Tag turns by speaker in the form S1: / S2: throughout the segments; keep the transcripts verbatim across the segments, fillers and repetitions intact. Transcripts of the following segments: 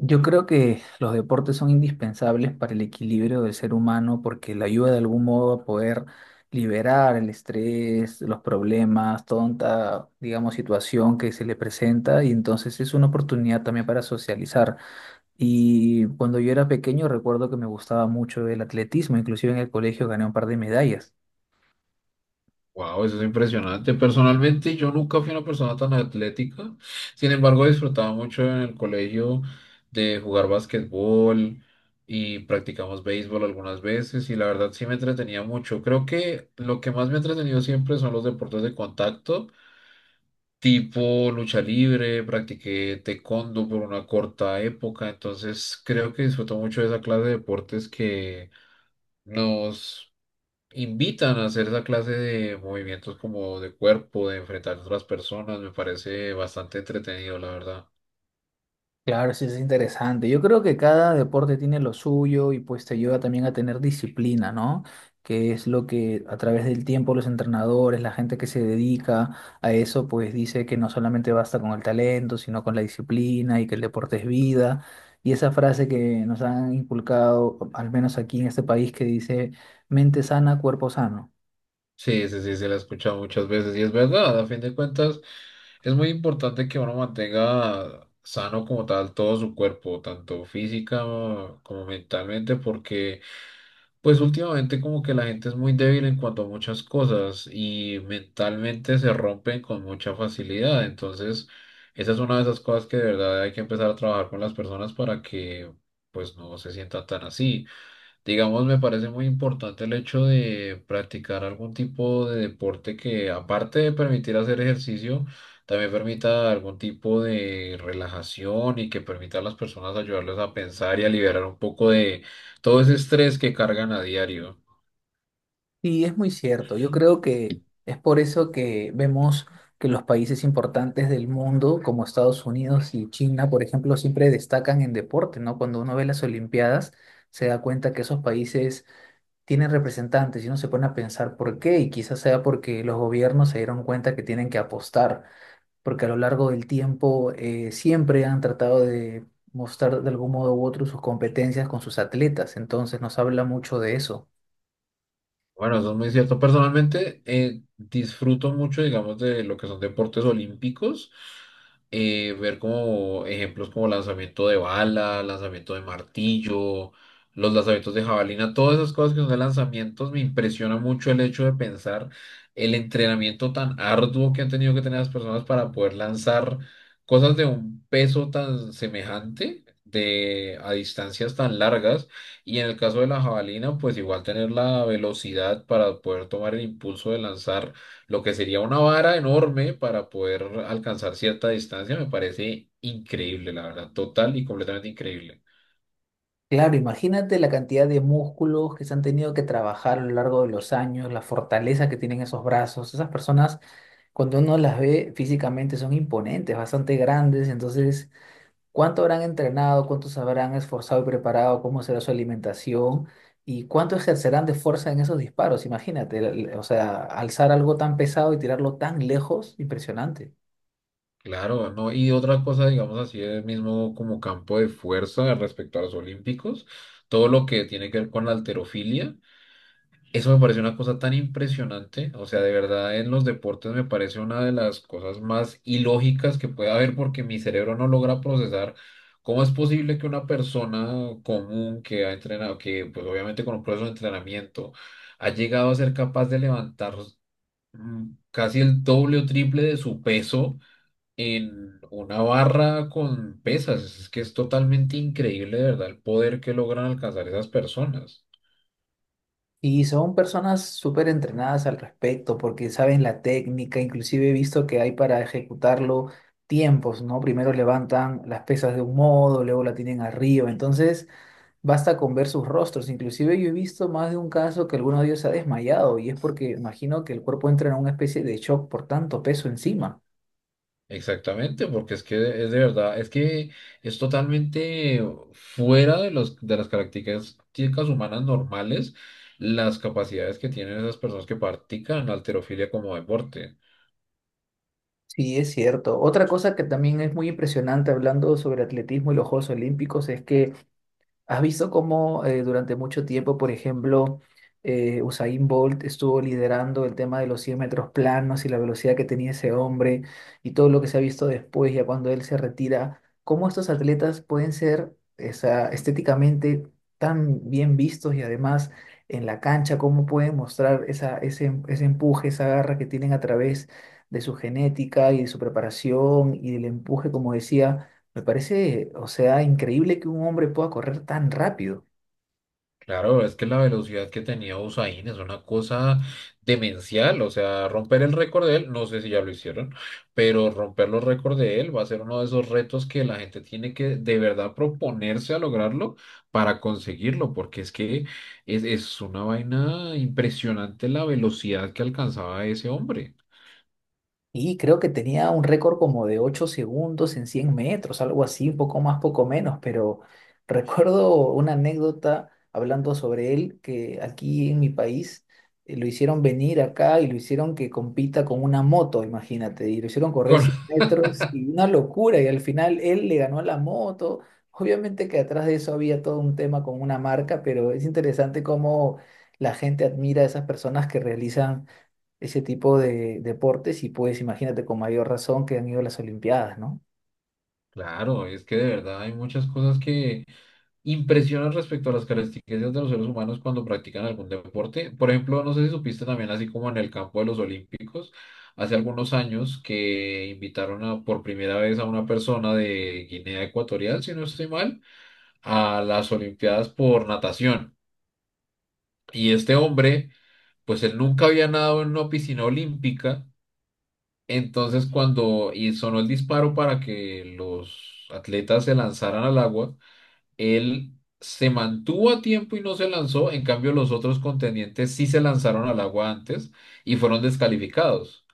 S1: Yo creo que los deportes son indispensables para el equilibrio del ser humano porque le ayuda de algún modo a poder liberar el estrés, los problemas, tonta, digamos, situación que se le presenta y entonces es una oportunidad también para socializar. Y cuando yo era pequeño recuerdo que me gustaba mucho el atletismo, inclusive en el colegio gané un par de medallas.
S2: Wow, eso es impresionante. Personalmente, yo nunca fui una persona tan atlética. Sin embargo, disfrutaba mucho en el colegio de jugar basquetbol y practicamos béisbol algunas veces y la verdad sí me entretenía mucho. Creo que lo que más me ha entretenido siempre son los deportes de contacto, tipo lucha libre, practiqué taekwondo por una corta época, entonces creo que disfruto mucho de esa clase de deportes que nos invitan a hacer esa clase de movimientos como de cuerpo, de enfrentar a otras personas, me parece bastante entretenido, la verdad.
S1: Claro, sí, es interesante. Yo creo que cada deporte tiene lo suyo y pues te ayuda también a tener disciplina, ¿no? Que es lo que a través del tiempo los entrenadores, la gente que se dedica a eso, pues dice que no solamente basta con el talento, sino con la disciplina y que el deporte es vida. Y esa frase que nos han inculcado, al menos aquí en este país, que dice mente sana, cuerpo sano.
S2: Sí, sí, sí, se la he escuchado muchas veces y es verdad, a fin de cuentas es muy importante que uno mantenga sano como tal todo su cuerpo, tanto física como mentalmente, porque pues últimamente como que la gente es muy débil en cuanto a muchas cosas y mentalmente se rompen con mucha facilidad. Entonces, esa es una de esas cosas que de verdad hay que empezar a trabajar con las personas para que pues no se sientan tan así. Digamos, me parece muy importante el hecho de practicar algún tipo de deporte que, aparte de permitir hacer ejercicio, también permita algún tipo de relajación y que permita a las personas ayudarles a pensar y a liberar un poco de todo ese estrés que cargan a diario.
S1: Y es muy cierto. Yo creo que es por eso que vemos que los países importantes del mundo, como Estados Unidos y China, por ejemplo, siempre destacan en deporte, ¿no? Cuando uno ve las Olimpiadas, se da cuenta que esos países tienen representantes y uno se pone a pensar por qué, y quizás sea porque los gobiernos se dieron cuenta que tienen que apostar, porque a lo largo del tiempo eh, siempre han tratado de mostrar de algún modo u otro sus competencias con sus atletas, entonces nos habla mucho de eso.
S2: Bueno, eso es muy cierto. Personalmente, eh, disfruto mucho, digamos, de lo que son deportes olímpicos. Eh, ver como ejemplos como lanzamiento de bala, lanzamiento de martillo, los lanzamientos de jabalina, todas esas cosas que son de lanzamientos, me impresiona mucho el hecho de pensar el entrenamiento tan arduo que han tenido que tener las personas para poder lanzar cosas de un peso tan semejante. De, a distancias tan largas y en el caso de la jabalina pues igual tener la velocidad para poder tomar el impulso de lanzar lo que sería una vara enorme para poder alcanzar cierta distancia, me parece increíble, la verdad, total y completamente increíble.
S1: Claro, imagínate la cantidad de músculos que se han tenido que trabajar a lo largo de los años, la fortaleza que tienen esos brazos. Esas personas, cuando uno las ve físicamente, son imponentes, bastante grandes. Entonces, ¿cuánto habrán entrenado? ¿Cuánto se habrán esforzado y preparado? ¿Cómo será su alimentación? ¿Y cuánto ejercerán de fuerza en esos disparos? Imagínate, el- el- o sea, alzar algo tan pesado y tirarlo tan lejos, impresionante.
S2: Claro, no, y otra cosa, digamos así, el mismo como campo de fuerza respecto a los olímpicos, todo lo que tiene que ver con la halterofilia. Eso me parece una cosa tan impresionante, o sea, de verdad en los deportes me parece una de las cosas más ilógicas que puede haber porque mi cerebro no logra procesar cómo es posible que una persona común que ha entrenado, que pues obviamente con un proceso de entrenamiento ha llegado a ser capaz de levantar, mm, casi el doble o triple de su peso en una barra con pesas. Es que es totalmente increíble, de verdad, el poder que logran alcanzar esas personas.
S1: Y son personas súper entrenadas al respecto porque saben la técnica, inclusive he visto que hay para ejecutarlo tiempos, ¿no? Primero levantan las pesas de un modo, luego la tienen arriba, entonces basta con ver sus rostros, inclusive yo he visto más de un caso que alguno de ellos se ha desmayado y es porque imagino que el cuerpo entra en una especie de shock por tanto peso encima.
S2: Exactamente, porque es que es de verdad, es que es totalmente fuera de los, de las características humanas normales las capacidades que tienen esas personas que practican la halterofilia como deporte.
S1: Sí, es cierto. Otra cosa que también es muy impresionante hablando sobre atletismo y los Juegos Olímpicos es que ¿has visto cómo eh, durante mucho tiempo, por ejemplo, eh, Usain Bolt estuvo liderando el tema de los cien metros planos y la velocidad que tenía ese hombre y todo lo que se ha visto después, ya cuando él se retira? ¿Cómo estos atletas pueden ser esa, estéticamente tan bien vistos y además en la cancha, cómo pueden mostrar esa, ese, em- ese empuje, esa garra que tienen a través de su genética y de su preparación y del empuje, como decía? Me parece, o sea, increíble que un hombre pueda correr tan rápido.
S2: Claro, es que la velocidad que tenía Usain es una cosa demencial, o sea, romper el récord de él, no sé si ya lo hicieron, pero romper los récords de él va a ser uno de esos retos que la gente tiene que de verdad proponerse a lograrlo para conseguirlo, porque es que es, es una vaina impresionante la velocidad que alcanzaba ese hombre.
S1: Y creo que tenía un récord como de ocho segundos en cien metros, algo así, un poco más, poco menos, pero recuerdo una anécdota hablando sobre él, que aquí en mi país eh, lo hicieron venir acá y lo hicieron que compita con una moto, imagínate, y lo hicieron correr
S2: Con-
S1: cien metros y una locura, y al final él le ganó a la moto. Obviamente que atrás de eso había todo un tema con una marca, pero es interesante cómo la gente admira a esas personas que realizan ese tipo de deportes y pues imagínate con mayor razón que han ido a las Olimpiadas, ¿no?
S2: Claro, es que de verdad hay muchas cosas que impresionan respecto a las características de los seres humanos cuando practican algún deporte. Por ejemplo, no sé si supiste también, así como en el campo de los Olímpicos, hace algunos años que invitaron a, por primera vez a una persona de Guinea Ecuatorial, si no estoy mal, a las Olimpiadas por natación. Y este hombre, pues él nunca había nadado en una piscina olímpica. Entonces, cuando y sonó el disparo para que los atletas se lanzaran al agua, él se mantuvo a tiempo y no se lanzó, en cambio los otros contendientes sí se lanzaron al agua antes y fueron descalificados.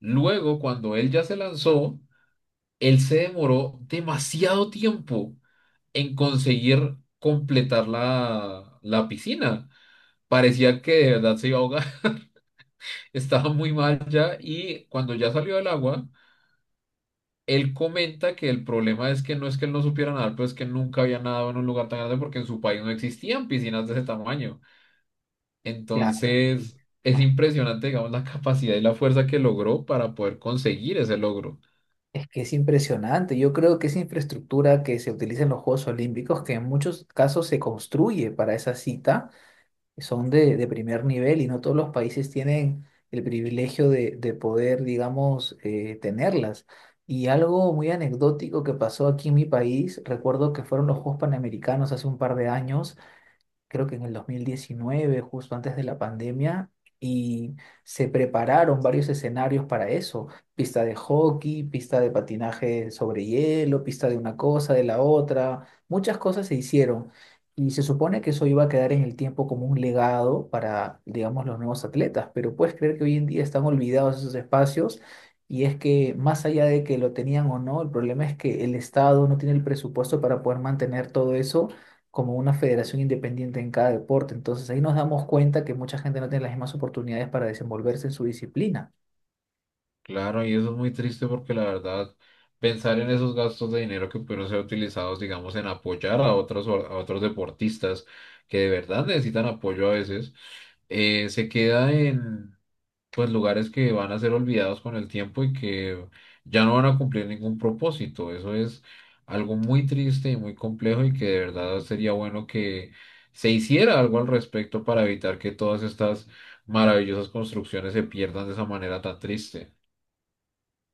S2: Luego, cuando él ya se lanzó, él se demoró demasiado tiempo en conseguir completar la, la piscina. Parecía que de verdad se iba a ahogar, estaba muy mal ya y cuando ya salió del agua, él comenta que el problema es que no es que él no supiera nadar, pero es que nunca había nadado en un lugar tan grande porque en su país no existían piscinas de ese tamaño.
S1: Claro. Sí.
S2: Entonces, es
S1: Ma-
S2: impresionante, digamos, la capacidad y la fuerza que logró para poder conseguir ese logro.
S1: Es que es impresionante. Yo creo que esa infraestructura que se utiliza en los Juegos Olímpicos, que en muchos casos se construye para esa cita, son de, de primer nivel y no todos los países tienen el privilegio de, de poder, digamos, eh, tenerlas. Y algo muy anecdótico que pasó aquí en mi país, recuerdo que fueron los Juegos Panamericanos hace un par de años, creo que en el dos mil diecinueve, justo antes de la pandemia, y se prepararon varios escenarios para eso, pista de hockey, pista de patinaje sobre hielo, pista de una cosa, de la otra, muchas cosas se hicieron. Y se supone que eso iba a quedar en el tiempo como un legado para, digamos, los nuevos atletas, pero puedes creer que hoy en día están olvidados esos espacios y es que más allá de que lo tenían o no, el problema es que el Estado no tiene el presupuesto para poder mantener todo eso como una federación independiente en cada deporte. Entonces ahí nos damos cuenta que mucha gente no tiene las mismas oportunidades para desenvolverse en su disciplina.
S2: Claro, y eso es muy triste porque la verdad, pensar en esos gastos de dinero que pudieron ser utilizados, digamos, en apoyar a otros, or- a otros deportistas que de verdad necesitan apoyo a veces, eh, se queda pues lugares que van a ser olvidados con el tiempo y que ya no van a cumplir ningún propósito. Eso es algo muy triste y muy complejo y que de verdad sería bueno que se hiciera algo al respecto para evitar que todas estas maravillosas construcciones se pierdan de esa manera tan triste.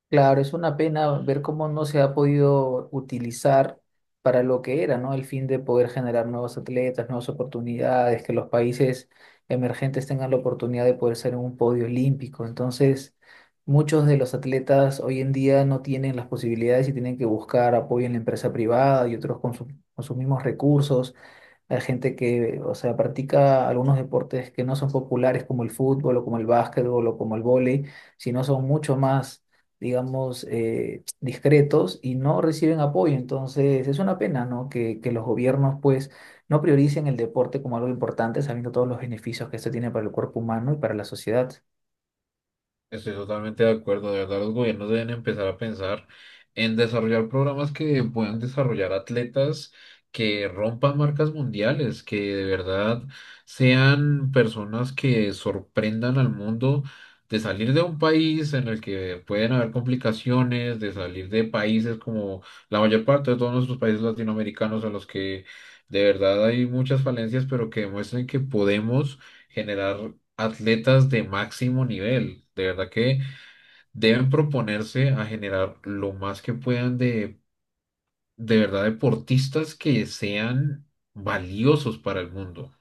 S1: Claro, es una pena ver cómo no se ha podido utilizar para lo que era, ¿no? El fin de poder generar nuevos atletas, nuevas oportunidades, que los países emergentes tengan la oportunidad de poder ser en un podio olímpico. Entonces, muchos de los atletas hoy en día no tienen las posibilidades y tienen que buscar apoyo en la empresa privada y otros con su- con sus mismos recursos. Hay gente que, o sea, practica algunos deportes que no son populares como el fútbol o como el básquetbol o como el vóley, sino son mucho más, digamos, eh, discretos y no reciben apoyo. Entonces, es una pena, ¿no? Que, que los gobiernos, pues, no prioricen el deporte como algo importante, sabiendo todos los beneficios que esto tiene para el cuerpo humano y para la sociedad.
S2: Estoy totalmente de acuerdo, de verdad los gobiernos deben empezar a pensar en desarrollar programas que puedan desarrollar atletas que rompan marcas mundiales, que de verdad sean personas que sorprendan al mundo, de salir de un país en el que pueden haber complicaciones, de salir de países como la mayor parte de todos nuestros países latinoamericanos en los que de verdad hay muchas falencias, pero que demuestren que podemos generar atletas de máximo nivel. De verdad que deben proponerse a generar lo más que puedan de, de verdad, deportistas que sean valiosos para el mundo.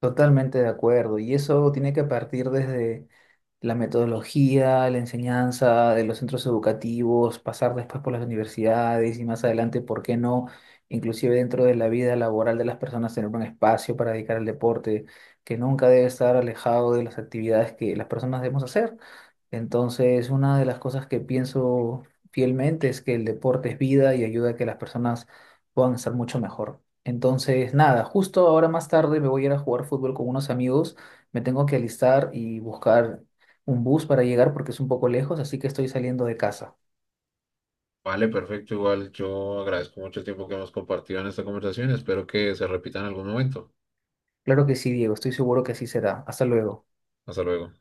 S1: Totalmente de acuerdo. Y eso tiene que partir desde la metodología, la enseñanza de los centros educativos, pasar después por las universidades y más adelante, ¿por qué no? Inclusive dentro de la vida laboral de las personas, tener un espacio para dedicar al deporte que nunca debe estar alejado de las actividades que las personas debemos hacer. Entonces, una de las cosas que pienso fielmente es que el deporte es vida y ayuda a que las personas puedan estar mucho mejor. Entonces, nada, justo ahora más tarde me voy a ir a jugar fútbol con unos amigos. Me tengo que alistar y buscar un bus para llegar porque es un poco lejos, así que estoy saliendo de casa.
S2: Vale, perfecto. Igual yo agradezco mucho el tiempo que hemos compartido en esta conversación. Espero que se repita en algún momento.
S1: Claro que sí, Diego, estoy seguro que así será. Hasta luego.
S2: Hasta luego.